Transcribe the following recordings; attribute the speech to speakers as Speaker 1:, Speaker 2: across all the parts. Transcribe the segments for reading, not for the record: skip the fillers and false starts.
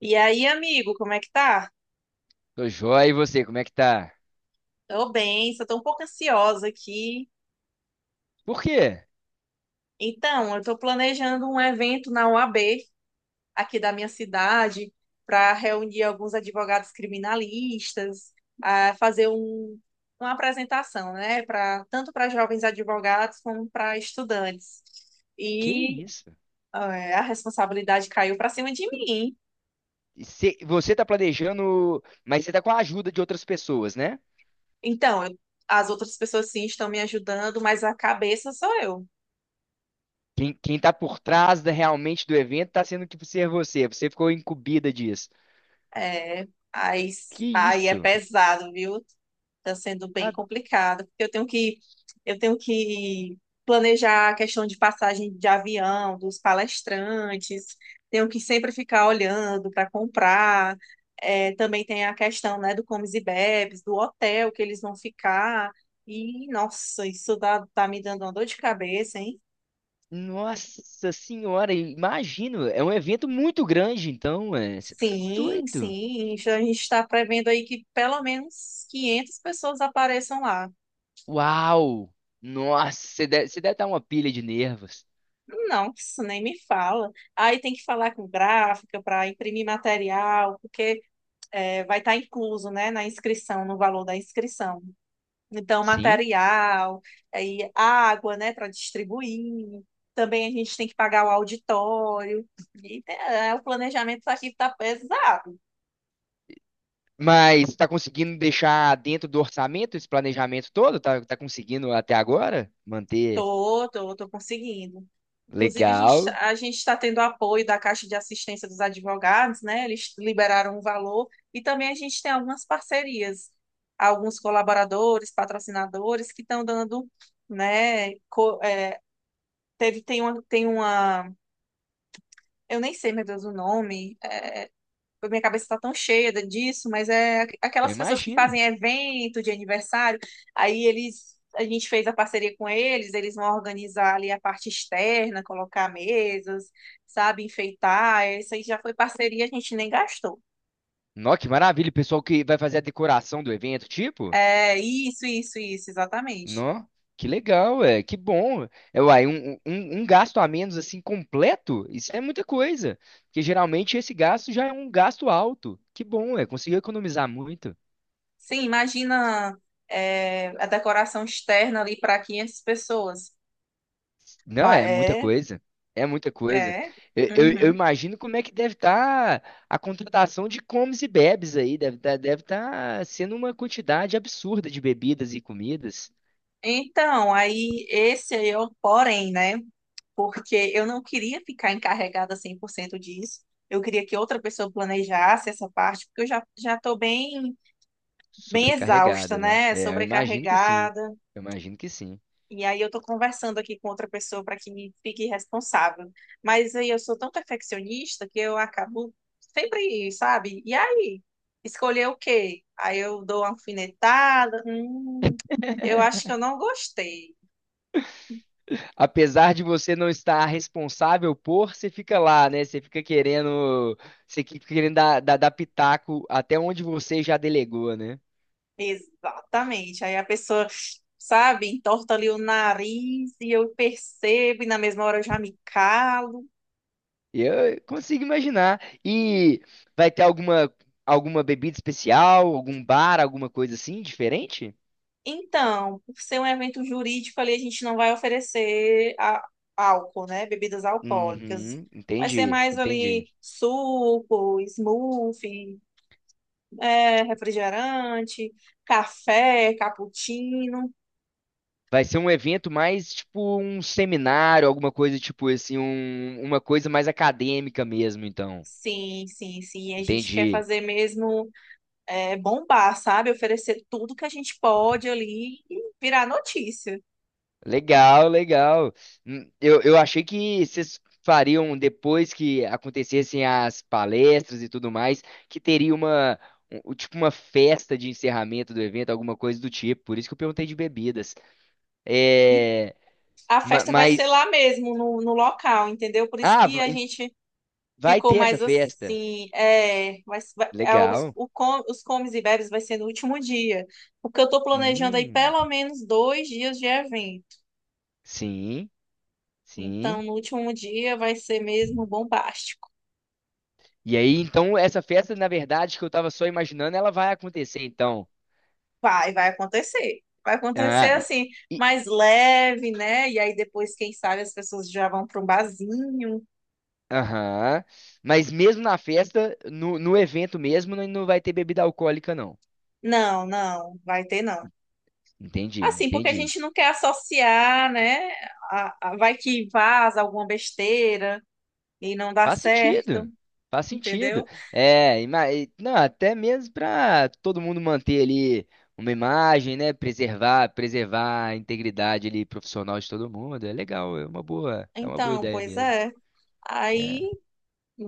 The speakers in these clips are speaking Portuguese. Speaker 1: E aí, amigo, como é que tá?
Speaker 2: Tô joia, e você, como é que tá?
Speaker 1: Tô bem, só tô um pouco ansiosa aqui.
Speaker 2: Por quê?
Speaker 1: Então, eu tô planejando um evento na UAB, aqui da minha cidade, para reunir alguns advogados criminalistas, fazer uma apresentação, né, para tanto para jovens advogados como para estudantes.
Speaker 2: Que
Speaker 1: E
Speaker 2: isso?
Speaker 1: é, a responsabilidade caiu para cima de mim.
Speaker 2: Você tá planejando, mas você tá com a ajuda de outras pessoas, né?
Speaker 1: Então, as outras pessoas sim estão me ajudando, mas a cabeça sou eu.
Speaker 2: Quem tá por trás realmente do evento tá sendo que ser você, você ficou incumbida disso.
Speaker 1: É, aí,
Speaker 2: Que
Speaker 1: aí é
Speaker 2: isso?
Speaker 1: pesado, viu? Tá sendo bem
Speaker 2: Ah,
Speaker 1: complicado, porque eu tenho que planejar a questão de passagem de avião, dos palestrantes, tenho que sempre ficar olhando para comprar. É, também tem a questão, né, do comes e bebes, do hotel que eles vão ficar. E, nossa, isso tá me dando uma dor de cabeça, hein?
Speaker 2: nossa senhora, imagino, é um evento muito grande, então, é, você tá
Speaker 1: Sim,
Speaker 2: doido.
Speaker 1: sim. A gente está prevendo aí que pelo menos 500 pessoas apareçam lá.
Speaker 2: Uau! Nossa, você deve estar uma pilha de nervos.
Speaker 1: Não, isso nem me fala. Aí tem que falar com gráfica para imprimir material, porque é, vai estar incluso, né, na inscrição, no valor da inscrição. Então,
Speaker 2: Sim?
Speaker 1: material, aí água, né, para distribuir. Também a gente tem que pagar o auditório. E, é, o planejamento tá aqui está pesado.
Speaker 2: Mas está conseguindo deixar dentro do orçamento esse planejamento todo? Tá conseguindo até agora manter
Speaker 1: Tô conseguindo. Inclusive,
Speaker 2: legal?
Speaker 1: a gente está tendo apoio da Caixa de Assistência dos Advogados, né? Eles liberaram um valor e também a gente tem algumas parcerias, alguns colaboradores, patrocinadores que estão dando, né? É, tem uma, eu nem sei, meu Deus, o nome, minha cabeça está tão cheia disso, mas é
Speaker 2: Eu
Speaker 1: aquelas pessoas que
Speaker 2: imagino.
Speaker 1: fazem evento de aniversário, aí eles, a gente fez a parceria com eles, eles vão organizar ali a parte externa, colocar mesas, sabe, enfeitar, isso aí já foi parceria, a gente nem gastou.
Speaker 2: Nó, que maravilha, o pessoal que vai fazer a decoração do evento, tipo?
Speaker 1: É, isso, exatamente.
Speaker 2: Nó, que legal, é, que bom. É, uai, um gasto a menos assim completo, isso é muita coisa. Porque geralmente esse gasto já é um gasto alto. Que bom, é, conseguiu economizar muito.
Speaker 1: Sim, imagina, é, a decoração externa ali para 500 pessoas.
Speaker 2: Não, é muita
Speaker 1: É,
Speaker 2: coisa. É muita coisa.
Speaker 1: é.
Speaker 2: Eu
Speaker 1: Uhum.
Speaker 2: imagino como é que deve estar a contratação de comes e bebes aí. Deve tá sendo uma quantidade absurda de bebidas e comidas
Speaker 1: Então, aí esse aí é o porém, né? Porque eu não queria ficar encarregada 100% disso. Eu queria que outra pessoa planejasse essa parte, porque eu já já estou bem bem exausta,
Speaker 2: sobrecarregada, né?
Speaker 1: né?
Speaker 2: É, eu imagino que sim.
Speaker 1: Sobrecarregada.
Speaker 2: Eu imagino que sim.
Speaker 1: E aí eu estou conversando aqui com outra pessoa para que me fique responsável. Mas aí eu sou tão perfeccionista que eu acabo sempre, sabe? E aí, escolher o quê? Aí eu dou uma alfinetada. Eu acho que eu não gostei.
Speaker 2: Apesar de você não estar responsável por, você fica lá, né? Você fica querendo dar pitaco até onde você já delegou, né?
Speaker 1: Exatamente. Aí a pessoa, sabe, entorta ali o nariz e eu percebo, e na mesma hora eu já me calo.
Speaker 2: Eu consigo imaginar. E vai ter alguma bebida especial, algum bar, alguma coisa assim diferente?
Speaker 1: Então, por ser um evento jurídico ali, a gente não vai oferecer álcool, né? Bebidas alcoólicas.
Speaker 2: Uhum,
Speaker 1: Vai ser mais
Speaker 2: entendi.
Speaker 1: ali suco, smoothie, é, refrigerante, café, cappuccino.
Speaker 2: Vai ser um evento mais tipo um seminário, alguma coisa tipo assim, uma coisa mais acadêmica mesmo, então.
Speaker 1: Sim, sim, sim. A gente quer
Speaker 2: Entendi.
Speaker 1: fazer mesmo é, bombar, sabe? Oferecer tudo que a gente pode ali e virar notícia.
Speaker 2: Legal, legal. Eu achei que vocês fariam depois que acontecessem as palestras e tudo mais, que teria tipo uma festa de encerramento do evento, alguma coisa do tipo. Por isso que eu perguntei de bebidas.
Speaker 1: E
Speaker 2: É,
Speaker 1: a festa vai ser lá
Speaker 2: mas,
Speaker 1: mesmo, no local, entendeu? Por isso
Speaker 2: ah,
Speaker 1: que
Speaker 2: va-
Speaker 1: a
Speaker 2: em-
Speaker 1: gente
Speaker 2: vai
Speaker 1: ficou
Speaker 2: ter essa
Speaker 1: mais
Speaker 2: festa.
Speaker 1: assim. É,
Speaker 2: Legal.
Speaker 1: os comes e bebes vai ser no último dia. Porque eu tô planejando aí
Speaker 2: Hum,
Speaker 1: pelo menos 2 dias de evento.
Speaker 2: sim,
Speaker 1: Então,
Speaker 2: sim.
Speaker 1: no último dia vai ser mesmo bombástico.
Speaker 2: E aí, então, essa festa, na verdade, que eu tava só imaginando, ela vai acontecer, então.
Speaker 1: Vai acontecer. Vai acontecer
Speaker 2: Ah,
Speaker 1: assim
Speaker 2: e
Speaker 1: mais leve, né? E aí depois, quem sabe, as pessoas já vão para um barzinho.
Speaker 2: aham. Mas mesmo na festa, no evento mesmo, não vai ter bebida alcoólica, não.
Speaker 1: Não, não, vai ter não.
Speaker 2: Entendi,
Speaker 1: Assim, porque a
Speaker 2: entendi.
Speaker 1: gente não quer associar, né? Vai que vaza alguma besteira e não dá
Speaker 2: Faz
Speaker 1: certo,
Speaker 2: sentido. Faz sentido.
Speaker 1: entendeu?
Speaker 2: É, não, até mesmo para todo mundo manter ali uma imagem, né? Preservar a integridade ali profissional de todo mundo. É legal, é uma boa
Speaker 1: Então,
Speaker 2: ideia
Speaker 1: pois
Speaker 2: mesmo.
Speaker 1: é. Aí,
Speaker 2: É.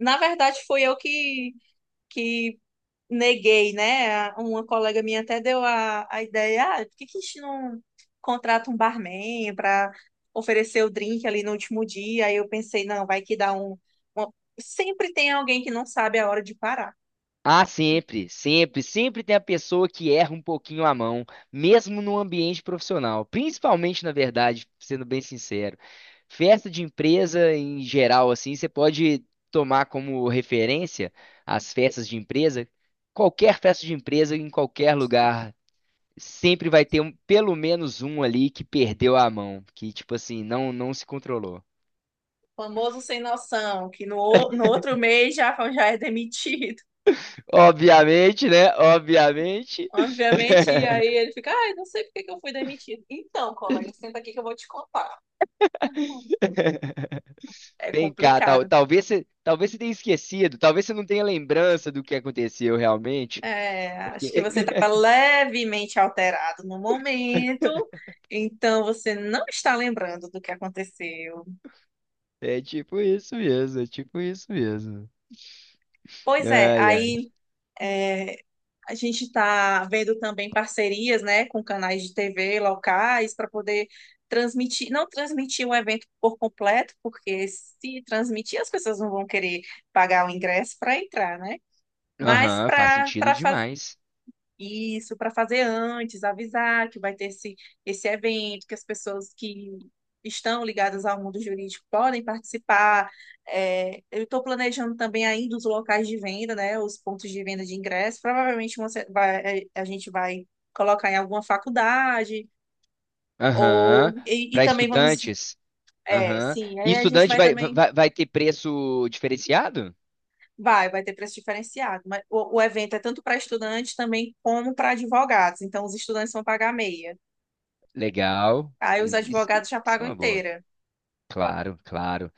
Speaker 1: na verdade, foi eu que neguei, né? Uma colega minha até deu a ideia, por que que a gente não contrata um barman para oferecer o drink ali no último dia? Aí eu pensei, não, vai que dá um. uma- Sempre tem alguém que não sabe a hora de parar.
Speaker 2: Ah, sempre tem a pessoa que erra um pouquinho a mão, mesmo no ambiente profissional, principalmente, na verdade, sendo bem sincero. Festa de empresa em geral, assim, você pode tomar como referência as festas de empresa. Qualquer festa de empresa, em qualquer lugar, sempre vai ter pelo menos um ali que perdeu a mão, que, tipo assim, não se controlou.
Speaker 1: Famoso sem noção, que no outro mês já, já é demitido.
Speaker 2: Obviamente, né? Obviamente.
Speaker 1: Obviamente, e aí ele fica, ai, não sei por que que eu fui demitido. Então, colega, senta aqui que eu vou te contar. É
Speaker 2: Vem cá, tal,
Speaker 1: complicado.
Speaker 2: talvez você tenha esquecido, talvez você não tenha lembrança do que aconteceu realmente,
Speaker 1: É,
Speaker 2: porque
Speaker 1: acho que você estava levemente alterado no momento, então você não está lembrando do que aconteceu.
Speaker 2: é tipo isso mesmo, é tipo isso mesmo.
Speaker 1: Pois é,
Speaker 2: Ai, ai.
Speaker 1: aí a gente está vendo também parcerias, né, com canais de TV locais para poder transmitir, não transmitir o evento por completo, porque se transmitir as pessoas não vão querer pagar o ingresso para entrar, né? Mas
Speaker 2: Aham, faz
Speaker 1: para
Speaker 2: sentido
Speaker 1: para
Speaker 2: demais.
Speaker 1: isso, para fazer antes, avisar que vai ter esse evento, que as pessoas que estão ligadas ao mundo jurídico podem participar. É, eu estou planejando também ainda os locais de venda, né, os pontos de venda de ingresso. Provavelmente a gente vai colocar em alguma faculdade, ou
Speaker 2: Aham,
Speaker 1: e, e
Speaker 2: para
Speaker 1: também vamos.
Speaker 2: estudantes.
Speaker 1: É,
Speaker 2: Aham.
Speaker 1: sim,
Speaker 2: E
Speaker 1: aí a gente
Speaker 2: estudante
Speaker 1: vai também.
Speaker 2: vai ter preço diferenciado?
Speaker 1: Vai ter preço diferenciado. Mas o evento é tanto para estudantes também como para advogados. Então, os estudantes vão pagar meia.
Speaker 2: Legal.
Speaker 1: Aí os
Speaker 2: Isso,
Speaker 1: advogados já
Speaker 2: isso é
Speaker 1: pagam
Speaker 2: uma boa.
Speaker 1: inteira.
Speaker 2: Claro, claro.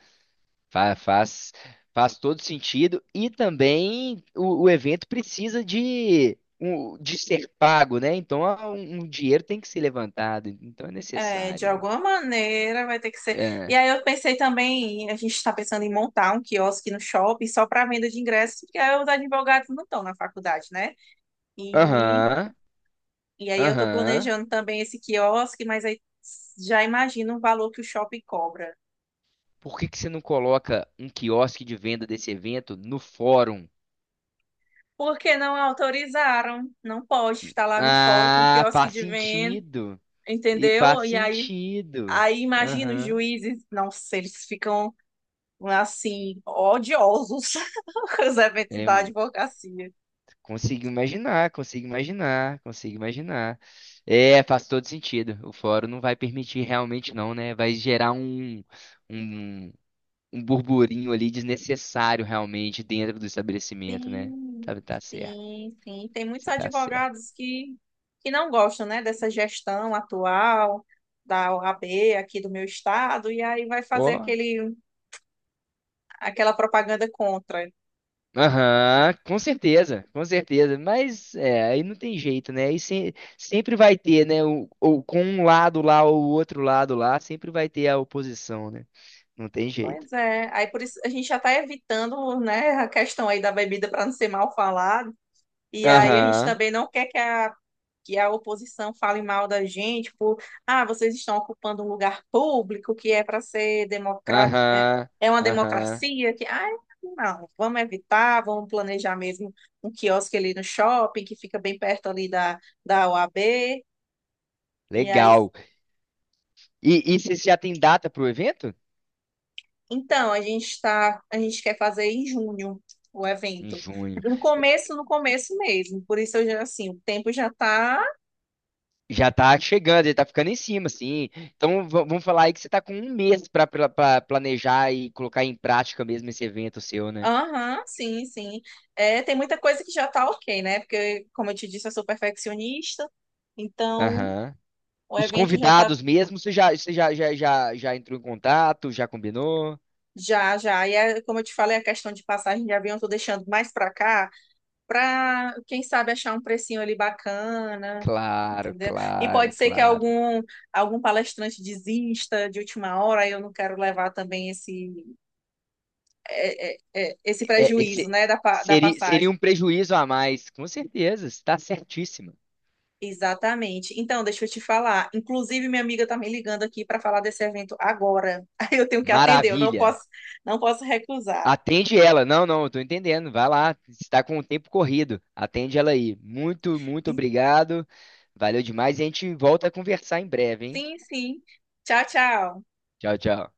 Speaker 2: Fa- Faz, faz, todo sentido. E também o evento precisa de, de ser pago, né? Então ah, um dinheiro tem que ser levantado. Então é
Speaker 1: É, de
Speaker 2: necessário, né?
Speaker 1: alguma maneira vai ter que ser. E
Speaker 2: É.
Speaker 1: aí eu pensei também, a gente está pensando em montar um quiosque no shopping só para venda de ingressos, porque aí os advogados não estão na faculdade, né? E,
Speaker 2: Aham,
Speaker 1: e aí eu estou
Speaker 2: aham.
Speaker 1: planejando também esse quiosque, mas aí já imagino o valor que o shopping cobra.
Speaker 2: Por que que você não coloca um quiosque de venda desse evento no fórum?
Speaker 1: Porque não autorizaram, não pode estar lá no fórum com
Speaker 2: Ah,
Speaker 1: quiosque
Speaker 2: faz
Speaker 1: de venda,
Speaker 2: sentido. E faz
Speaker 1: entendeu? E aí,
Speaker 2: sentido.
Speaker 1: aí imagina os
Speaker 2: Aham.
Speaker 1: juízes, nossa, eles ficam assim, odiosos os eventos
Speaker 2: É,
Speaker 1: da advocacia.
Speaker 2: Consigo imaginar, consigo imaginar, consigo imaginar. É, faz todo sentido. O fórum não vai permitir realmente não, né? Vai gerar um, um burburinho ali desnecessário realmente dentro do estabelecimento, né?
Speaker 1: Sim,
Speaker 2: Tá, tá certo,
Speaker 1: sim, sim. Tem muitos
Speaker 2: você tá certo.
Speaker 1: advogados que não gostam, né, dessa gestão atual da OAB aqui do meu estado, e aí vai fazer
Speaker 2: Ó,
Speaker 1: aquela propaganda contra.
Speaker 2: aham, com certeza, com certeza. Mas é, aí não tem jeito, né? Aí sempre vai ter, né? Com um lado lá ou o outro lado lá, sempre vai ter a oposição, né? Não tem jeito.
Speaker 1: Pois é, aí por isso a gente já está evitando, né, a questão aí da bebida para não ser mal falado, e aí a gente
Speaker 2: Aham.
Speaker 1: também não quer que a oposição fale mal da gente por, vocês estão ocupando um lugar público que é para ser democrático, é,
Speaker 2: Aham,
Speaker 1: é uma
Speaker 2: aham.
Speaker 1: democracia que, não, vamos evitar, vamos planejar mesmo um quiosque ali no shopping que fica bem perto ali da OAB, e aí,
Speaker 2: Legal. E você já tem data pro evento?
Speaker 1: então, a gente quer fazer em junho o
Speaker 2: Em
Speaker 1: evento.
Speaker 2: junho.
Speaker 1: No começo, no começo mesmo, por isso eu já, assim, o tempo já está.
Speaker 2: Já tá chegando, já tá ficando em cima, assim. Então vamos falar aí que você tá com 1 mês pra pra planejar e colocar em prática mesmo esse evento seu, né?
Speaker 1: Aham, sim, sim. É, tem muita coisa que já tá ok, né? Porque, como eu te disse, eu sou perfeccionista, então
Speaker 2: Aham.
Speaker 1: o
Speaker 2: Os
Speaker 1: evento já tá
Speaker 2: convidados mesmo, você já entrou em contato, já combinou?
Speaker 1: já, já. E é, como eu te falei, a questão de passagem de avião eu tô deixando mais pra cá, pra, quem sabe, achar um precinho ali bacana,
Speaker 2: Claro,
Speaker 1: entendeu? E
Speaker 2: claro,
Speaker 1: pode ser que
Speaker 2: claro.
Speaker 1: algum palestrante desista de última hora, aí eu não quero levar também esse, é, é, é, esse
Speaker 2: É,
Speaker 1: prejuízo,
Speaker 2: esse
Speaker 1: né, da
Speaker 2: seria, seria um
Speaker 1: passagem.
Speaker 2: prejuízo a mais, com certeza, está certíssima.
Speaker 1: Exatamente. Então, deixa eu te falar. Inclusive, minha amiga está me ligando aqui para falar desse evento agora. Aí eu tenho que atender, eu não
Speaker 2: Maravilha.
Speaker 1: posso, não posso recusar.
Speaker 2: Atende ela. Não, não, eu tô entendendo. Vai lá, está com o tempo corrido. Atende ela aí. Muito
Speaker 1: E-
Speaker 2: obrigado. Valeu demais e a gente volta a conversar em breve, hein?
Speaker 1: Sim, sim. Tchau, tchau.
Speaker 2: Tchau, tchau.